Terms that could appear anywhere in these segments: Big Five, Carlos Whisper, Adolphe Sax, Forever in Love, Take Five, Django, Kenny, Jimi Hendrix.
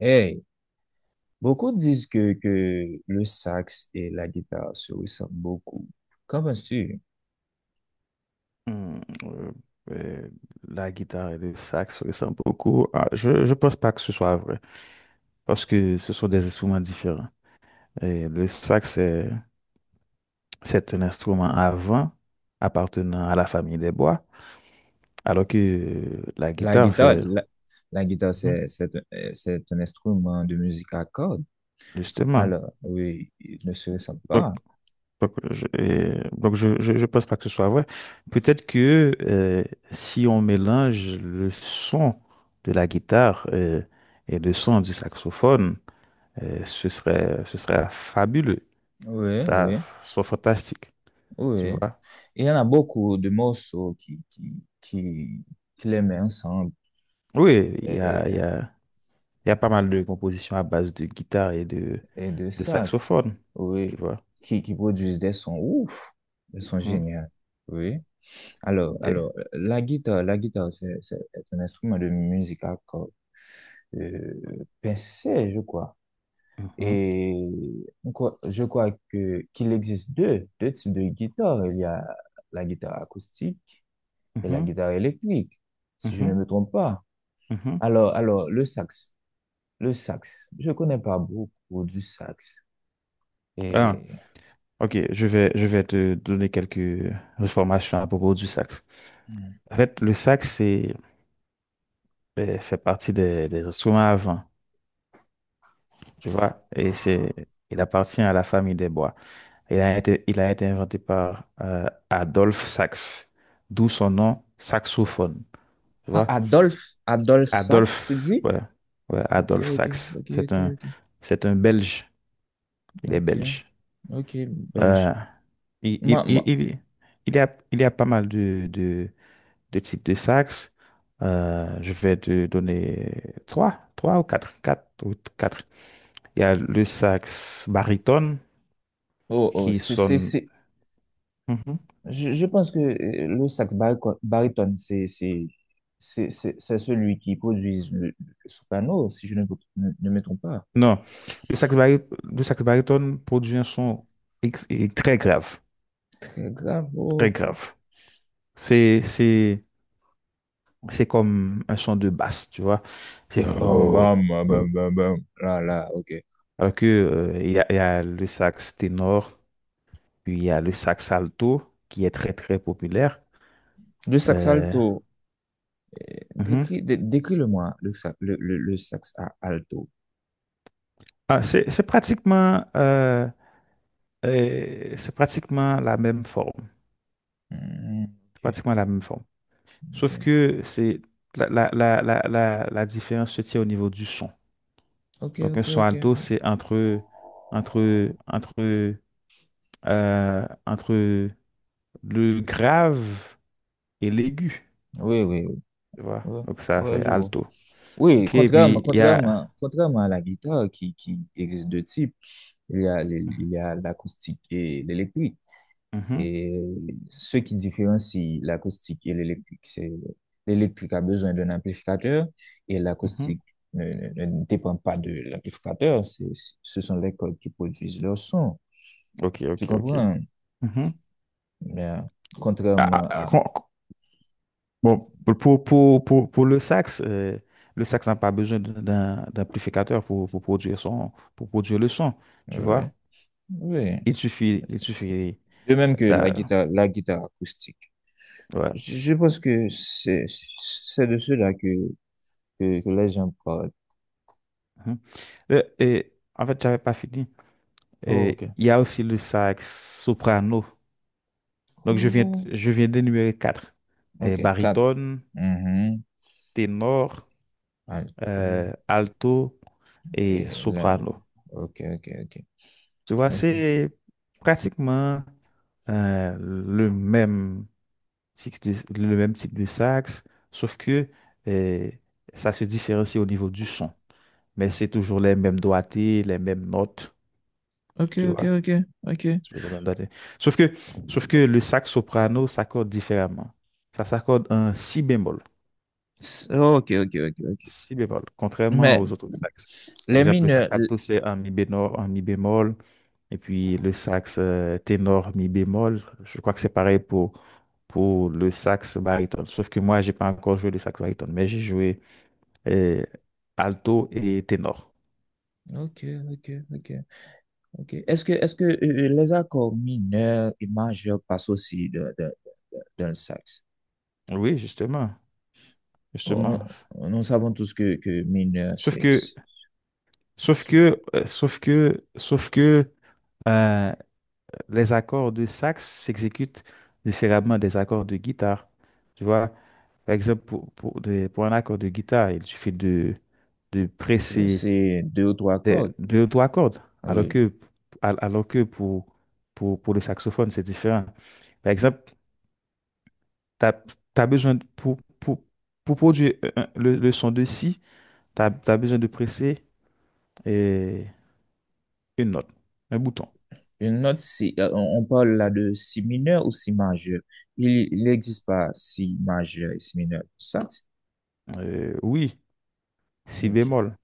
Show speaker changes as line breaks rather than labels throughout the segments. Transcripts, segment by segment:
Hey, beaucoup disent que le sax et la guitare se ressemblent beaucoup. Qu'en penses-tu?
Hmm, euh, euh, la guitare et le sax se ressemblent beaucoup. Ah, je pense pas que ce soit vrai parce que ce sont des instruments différents. Et le sax, c'est un instrument avant appartenant à la famille des bois, alors que la
La
guitare,
guitare,
c'est.
la guitare,
Mhm,
c'est un instrument de musique à cordes.
justement.
Alors oui, ils ne se ressemblent
Donc,
pas.
donc je pense pas que ce soit vrai. Peut-être que si on mélange le son de la guitare, et le son du saxophone, ce serait fabuleux.
Oui,
Ça
oui,
ce serait fantastique, tu
oui.
vois.
Il y en a beaucoup de morceaux qui les mettent ensemble
Oui,
et,
il y a pas mal de compositions à base de guitare et
et de
de
sax,
saxophone, tu
oui,
vois.
qui produisent des sons ouf, des sons
Mhm.
géniaux. Oui.
Et-
Alors, la guitare, c'est est un instrument de musique à cordes, euh, pincée, je crois.
mhm,
Et je crois que qu'il existe deux types de guitares. Il y a la guitare acoustique et la
mhm,
guitare électrique, si je ne
mhm,
me trompe pas.
mhm.
Alors, le sax, je connais pas beaucoup du sax.
Ah,
Et
ok, je vais te donner quelques informations à propos du sax. En fait, le sax fait partie des instruments à vent. Tu vois, et c'est, il appartient à la famille des bois. Il a été inventé par Adolphe Sax, d'où son nom saxophone. Tu
ah,
vois,
Adolphe Sax, tu
Adolphe,
dis?
ouais, ouais,
Ok,
Adolphe
ok,
Sax.
ok, ok, ok,
C'est un Belge. Il est
ok.
belge.
Ok.
Euh, il,
Moi,
il,
moi-
il, il- il y a, il y a pas mal de types de sax. Je vais te donner trois ou quatre, quatre ou quatre. Il y a le sax baryton
oh, oh,
qui sonne. Mhm.
je pense que le sax baryton, c'est celui qui produit le soprano, si je ne me trompe pas.
Non, le sax baryton produit un son très grave,
Très grave, oh,
très
ok, ok.
grave. C'est, c'est, c'est comme un son de basse, tu vois. C'est...
Bam, bam, bam, bam, bam, bam. Là, là, ok.
Alors que, il y a le sax ténor, puis il y a le sax alto, qui est très, très populaire.
Le sax
Euh,
alto,
mhm.
décris, dé- décris-le-moi, le sax alto.
Ah, c'est, c'est pratiquement, euh, c'est pratiquement la même forme.
Hmm, ok,
Pratiquement la même forme.
ok,
Sauf que c'est la, la, la, la, la, la différence se tient au niveau du son.
ok,
Donc un
ok,
son
ok.
alto, c'est entre, entre, entre le grave et l'aigu.
Oui, oui, oui,
Tu vois?
oui,
Donc ça
oui,
fait
je vois.
alto.
Oui,
OK, et puis il y a...
contrairement à la guitare qui existe deux types, il y a,
Mhm,
il y a l'acoustique et l'électrique.
mhm,
Et ce qui différencie l'acoustique et l'électrique, c'est l'électrique a besoin d'un amplificateur et
mhm.
l'acoustique ne, ne dépend pas de l'amplificateur. Ce sont les cordes qui produisent leur son.
OK,
Tu
OK, OK.
comprends?
Mhm.
Mais
Ah,
contrairement
ah, ah,
à…
con- con- bon, pour le sax n'a pas besoin d'amplificateur pour, pour produire le son, tu
Oui,
vois?
oui.
Il suffit
De même que
d'a-
la guitare acoustique.
ouais.
Je pense que c'est de cela que les gens parlent.
Mhm. Et, en fait, j'avais pas fini.
Oh, ok.
Et il y a aussi le sax soprano. Donc,
Oh,
je viens d'énumérer quatre. Et
ok, quatre.
baryton,
Mhm.
ténor,
Alto.
alto et
Et là,
soprano.
ok, ok, ok,
Tu vois,
ok,
c'est pratiquement euh, le même, le même type de sax, sauf que euh, ça se différencie au niveau du son. Mais c'est toujours les mêmes doigtés, les mêmes notes,
ok,
tu
ok,
vois.
ok, ok.
Toujours les mêmes doigtés. Sauf que, sauf que le sax soprano s'accorde différemment. Ça s'accorde en si bémol.
Ok, ok, ok, ok.
Si bémol, contrairement
Mais
aux autres saxes. Par
les
exemple, le sax
mineurs,
alto, c'est un mi bémol, et puis le sax ténor, mi bémol. Je crois que c'est pareil pour le sax baryton. Sauf que moi, j'ai pas encore joué le sax baryton, mais j'ai joué euh, alto et ténor.
ok, ok, ok, ok. Est-ce que les accords mineurs et majeurs passent aussi dans le sax?
Oui, justement,
On-
justement.
nous savons tous que mineur,
Sauf que, sauf que, euh, les accords de sax s'exécutent différemment des accords de guitare. Tu vois, par exemple, pour un accord de guitare, il suffit de presser
c'est deux ou trois cordes.
deux ou trois cordes, alors
Oui.
que, alors que pour le saxophone, c'est différent. Par exemple, tu as besoin pour produire le son de si, tu as besoin de presser euh, une note, un bouton.
Une note, si, on parle là de si mineur ou si majeur. Il n'existe pas si majeur et si mineur. Ça,
Oui, si
ok.
bémol,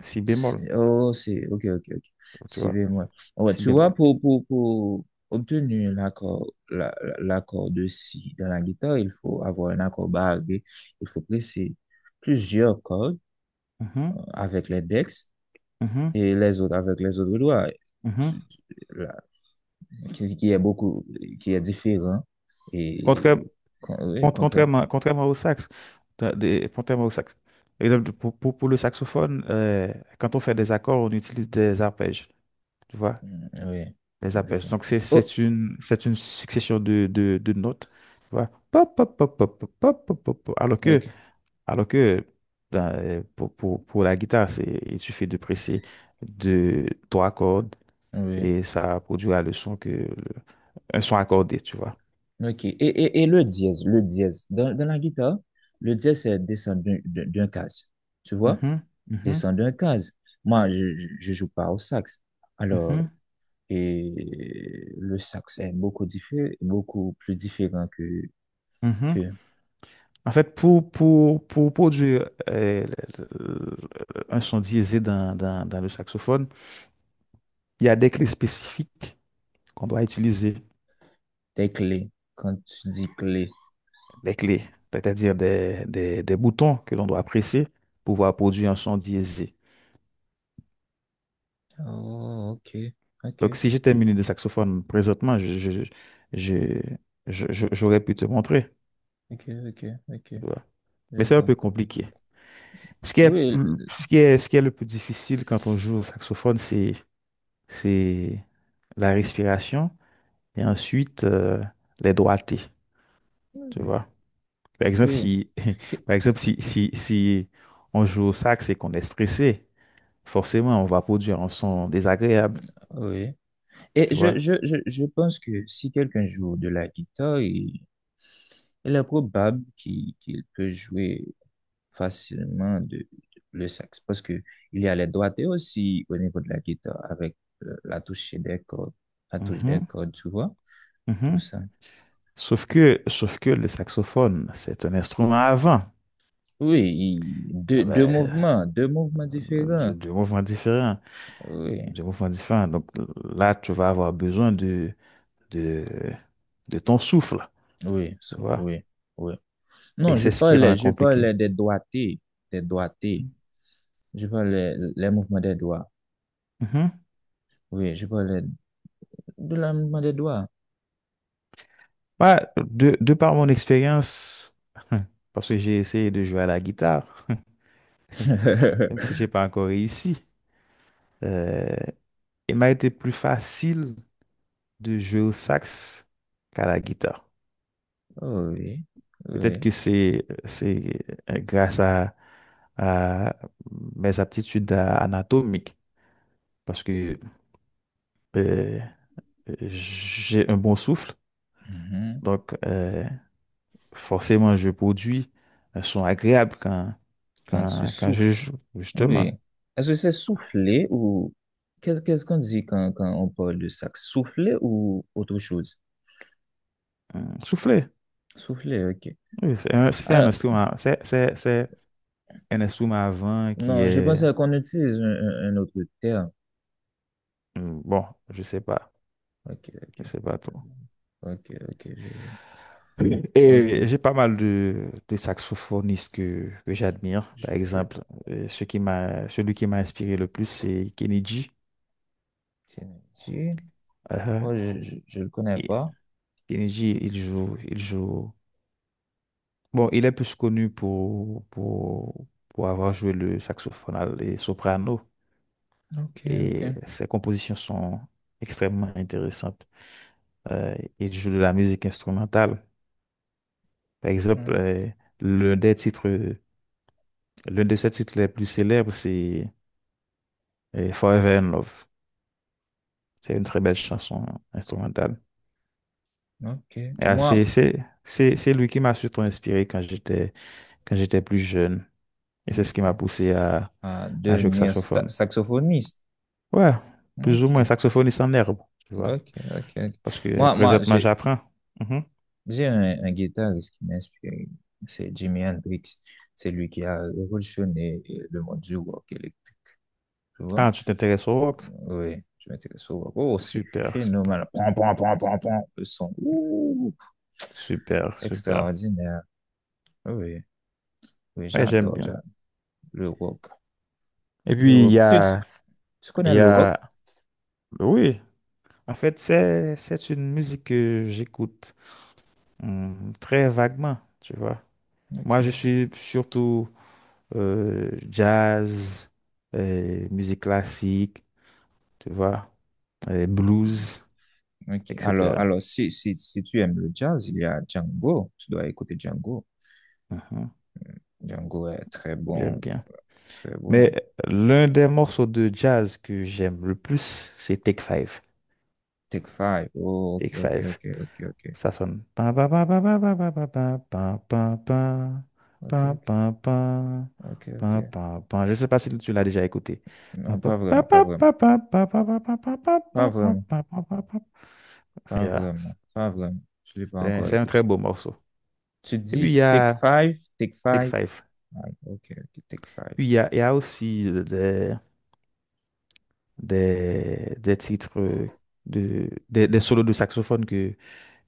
si bémol,
Oh, c'est, ok, ok, ok.
tu
C'est
vois,
vraiment. Ouais,
si
tu
bémol.
vois, pour obtenir l'accord, l'accord de si dans la guitare, il faut avoir un accord barré. Il faut presser plusieurs cordes
Uhum,
avec l'index
uhum,
et les autres avec les autres doigts.
uhum.
Tu- tu- la- qui est beaucoup, qui est différent. Et
Contra-
oui, contre.
contrairement au sax, contrairement au sax. Par exemple, pour, pour le saxophone, quand on fait des accords, on utilise des arpèges, tu vois,
Oui,
les
je
arpèges.
vois.
Donc
Oh,
c'est une succession de notes, tu vois. Pop, pop, pop, pop, pop, pop, pop, pop, pop.
ok.
Alors que dans, pour la guitare, c'est il suffit de presser de trois cordes
Oui,
et ça produira le son un son accordé, tu vois.
ok. Et le dièse, le dièse. Dans, dans la guitare, le dièse, c'est descendre d'un case. Tu vois?
Mhm, mhm.
Descendre d'un case. Moi, je joue pas au sax. Alors,
Mhm,
et le sax est beaucoup différent, beaucoup plus différent
mhm.
que
En fait, pour produire le- le- un son diésé dans, dans, dans le saxophone, il y a des clés spécifiques qu'on doit utiliser,
tes clés. Quand tu dis clé.
des clés, c'est-à-dire des boutons que l'on doit presser pour pouvoir produire un son diésé.
Oh, ok.
Donc,
Ok.
si j'étais muni de saxophone présentement, je- j'aurais pu te montrer.
Ok, ok, ok.
Tu vois. Mais
Je
c'est un
vois.
peu compliqué.
Oui,
Ce qui est le plus difficile quand on joue au saxophone, c'est la respiration et ensuite les droités, tu
oui,
vois. Par exemple,
oui.
si,
que-
par exemple, si on joue au sax et qu'on est stressé, forcément, on va produire un son désagréable,
oui. Et
tu
je,
vois.
je, je, je pense que si quelqu'un joue de la guitare, il est probable qu'il peut jouer facilement le sax parce que il y a les doigtés aussi au niveau de la guitare avec la touche des cordes, la touche des
Mhm,
cordes, tu vois, tout
mhm.
ça.
Sauf que le saxophone, c'est un instrument à vent.
Oui, deux,
Ah ben,
deux mouvements différents.
du mouvement différent,
Oui,
du mouvement différent. Donc là, tu vas avoir besoin de, de ton souffle,
oui,
tu vois.
oui, oui.
Et
Non,
c'est ce qui rend
je
compliqué.
parlais des doigtés, des doigtés. Je parle les mouvements des doigts.
Mhm.
Oui, je parle de la mouvement des doigts.
Ouais, de par mon expérience, parce que j'ai essayé de jouer à la guitare, même si j'ai pas encore réussi, euh, il m'a été plus facile de jouer au sax qu'à la guitare.
Oh oui,
Peut-être
oui.
que c'est grâce à mes aptitudes anatomiques, parce que euh, j'ai un bon souffle,
Mhm.
donc forcément je produis un son agréable
Quand tu
quand je
souffles.
joue, justement.
Oui. Est-ce que c'est souffler ou qu'est-ce qu'on dit quand, quand on parle de ça? Souffler ou autre chose?
Souffler.
Souffler, ok.
Oui, c'est un
Alors,
instrument, c'est un instrument à vent qui
non, je
est,
pensais qu'on utilise un, un autre terme.
bon, je sais pas,
Ok,
je
ok.
sais pas trop.
Ok, ok, je vois.
Oui.
Ok.
Et j'ai pas mal de saxophonistes que j'admire.
Je,
Par
que-
exemple, celui qui m'a inspiré le plus, c'est Kenny.
tiens, ici.
Euh,
Moi, je le connais
et
pas.
Kenny il joue, il joue. Bon, il est plus connu pour avoir joué le saxophone et soprano.
Ok, ok.
Et ses compositions sont extrêmement intéressantes. Euh, et il joue de la musique instrumentale. Par exemple,
Ouais.
l'un des titres, l'un de ses titres les plus célèbres, c'est Forever in Love. C'est une très belle chanson instrumentale.
Ok.
Et, ah,
Moi,
c'est lui qui m'a surtout inspiré quand j'étais plus jeune. Et c'est ce
ok.
qui m'a poussé
Ah,
à jouer au
devenir
saxophone.
saxophoniste.
Ouais, plus ou moins
Ok.
saxophoniste en herbe, tu vois.
Ok. Ok. Ok.
Parce que
Moi, moi,
présentement,
j'ai,
j'apprends. Mhm.
j'ai un guitariste qui m'inspire. C'est Jimi Hendrix. C'est lui qui a révolutionné le monde du rock électrique. Tu vois?
Ah, tu t'intéresses au rock?
Oui, je m'intéresse au rock. Oh, c'est
Super, super,
phénoménal. Pon, pon, pon, pon, pon. Le son. Ouh,
super, super.
extraordinaire. Oui. Oui,
Ouais, j'aime bien.
j'adore le rock.
Et
Le
puis, il
rock.
y a.
Tu
Il
connais
y
le rock?
a... Oui, en fait, c'est une musique que j'écoute très vaguement, tu vois. Moi, je
Ok.
suis surtout jazz, musique classique, tu vois, blues,
Ok.
etc.
Alors si, si, si tu aimes le jazz, il y a Django. Tu dois écouter Django.
Mhm,
Django est très
j'aime
bon,
bien.
très bon.
Mais l'un des morceaux de jazz que j'aime le plus, c'est Take Five.
Take Five. Oh, ok,
Take
ok,
Five.
ok, ok, ok.
Ça sonne. Pin, pin, pin, pin, pin, pin, pin, pin,
Ok,
pin, pin,
ok,
pin, pin,
ok, ok.
pin, pin, pin, pin, pin. Je sais pas si tu l'as déjà écouté. Pin,
Non,
pin,
pas
pin,
vraiment, pas
pin,
vraiment.
pin, pin, pin, pin, pin, pin, pin,
Pas
pin, pin, pin,
vraiment,
pin, pin, pin, pin.
pas
Yeah.
vraiment, pas vraiment. Je ne l'ai pas encore
C'est un très
écouté.
beau morceau.
Tu
Et puis il
dis
y
Take
a
Five, Take
Big
Five.
Five.
Ah, ok, ok, Take Five.
Puis il y a aussi des titres, des solos de saxophone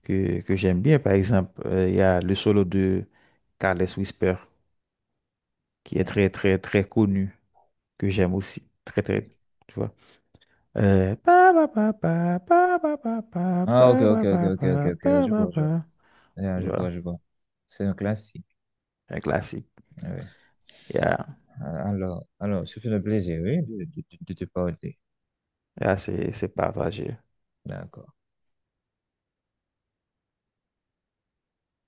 que j'aime bien. Par exemple, il y a le solo de Carlos Whisper. Qui est
Hmm,
très, très, très connu, que j'aime aussi. Très, très,
ok.
tu vois. Pa, pa, pa, pa, pa, pa, pa, pa,
Ah, ok,
pa,
ok,
pa,
ok,
pa,
ok, ok,
pa,
ok.
pa,
Je
pa,
vois, je vois.
pa.
Ah, je vois,
Voilà,
je vois. C'est un classique.
un classique.
Ouais.
Yeah,
Alors, ce fut un plaisir, oui, de te parler.
yeah, c'est partagé.
D'accord.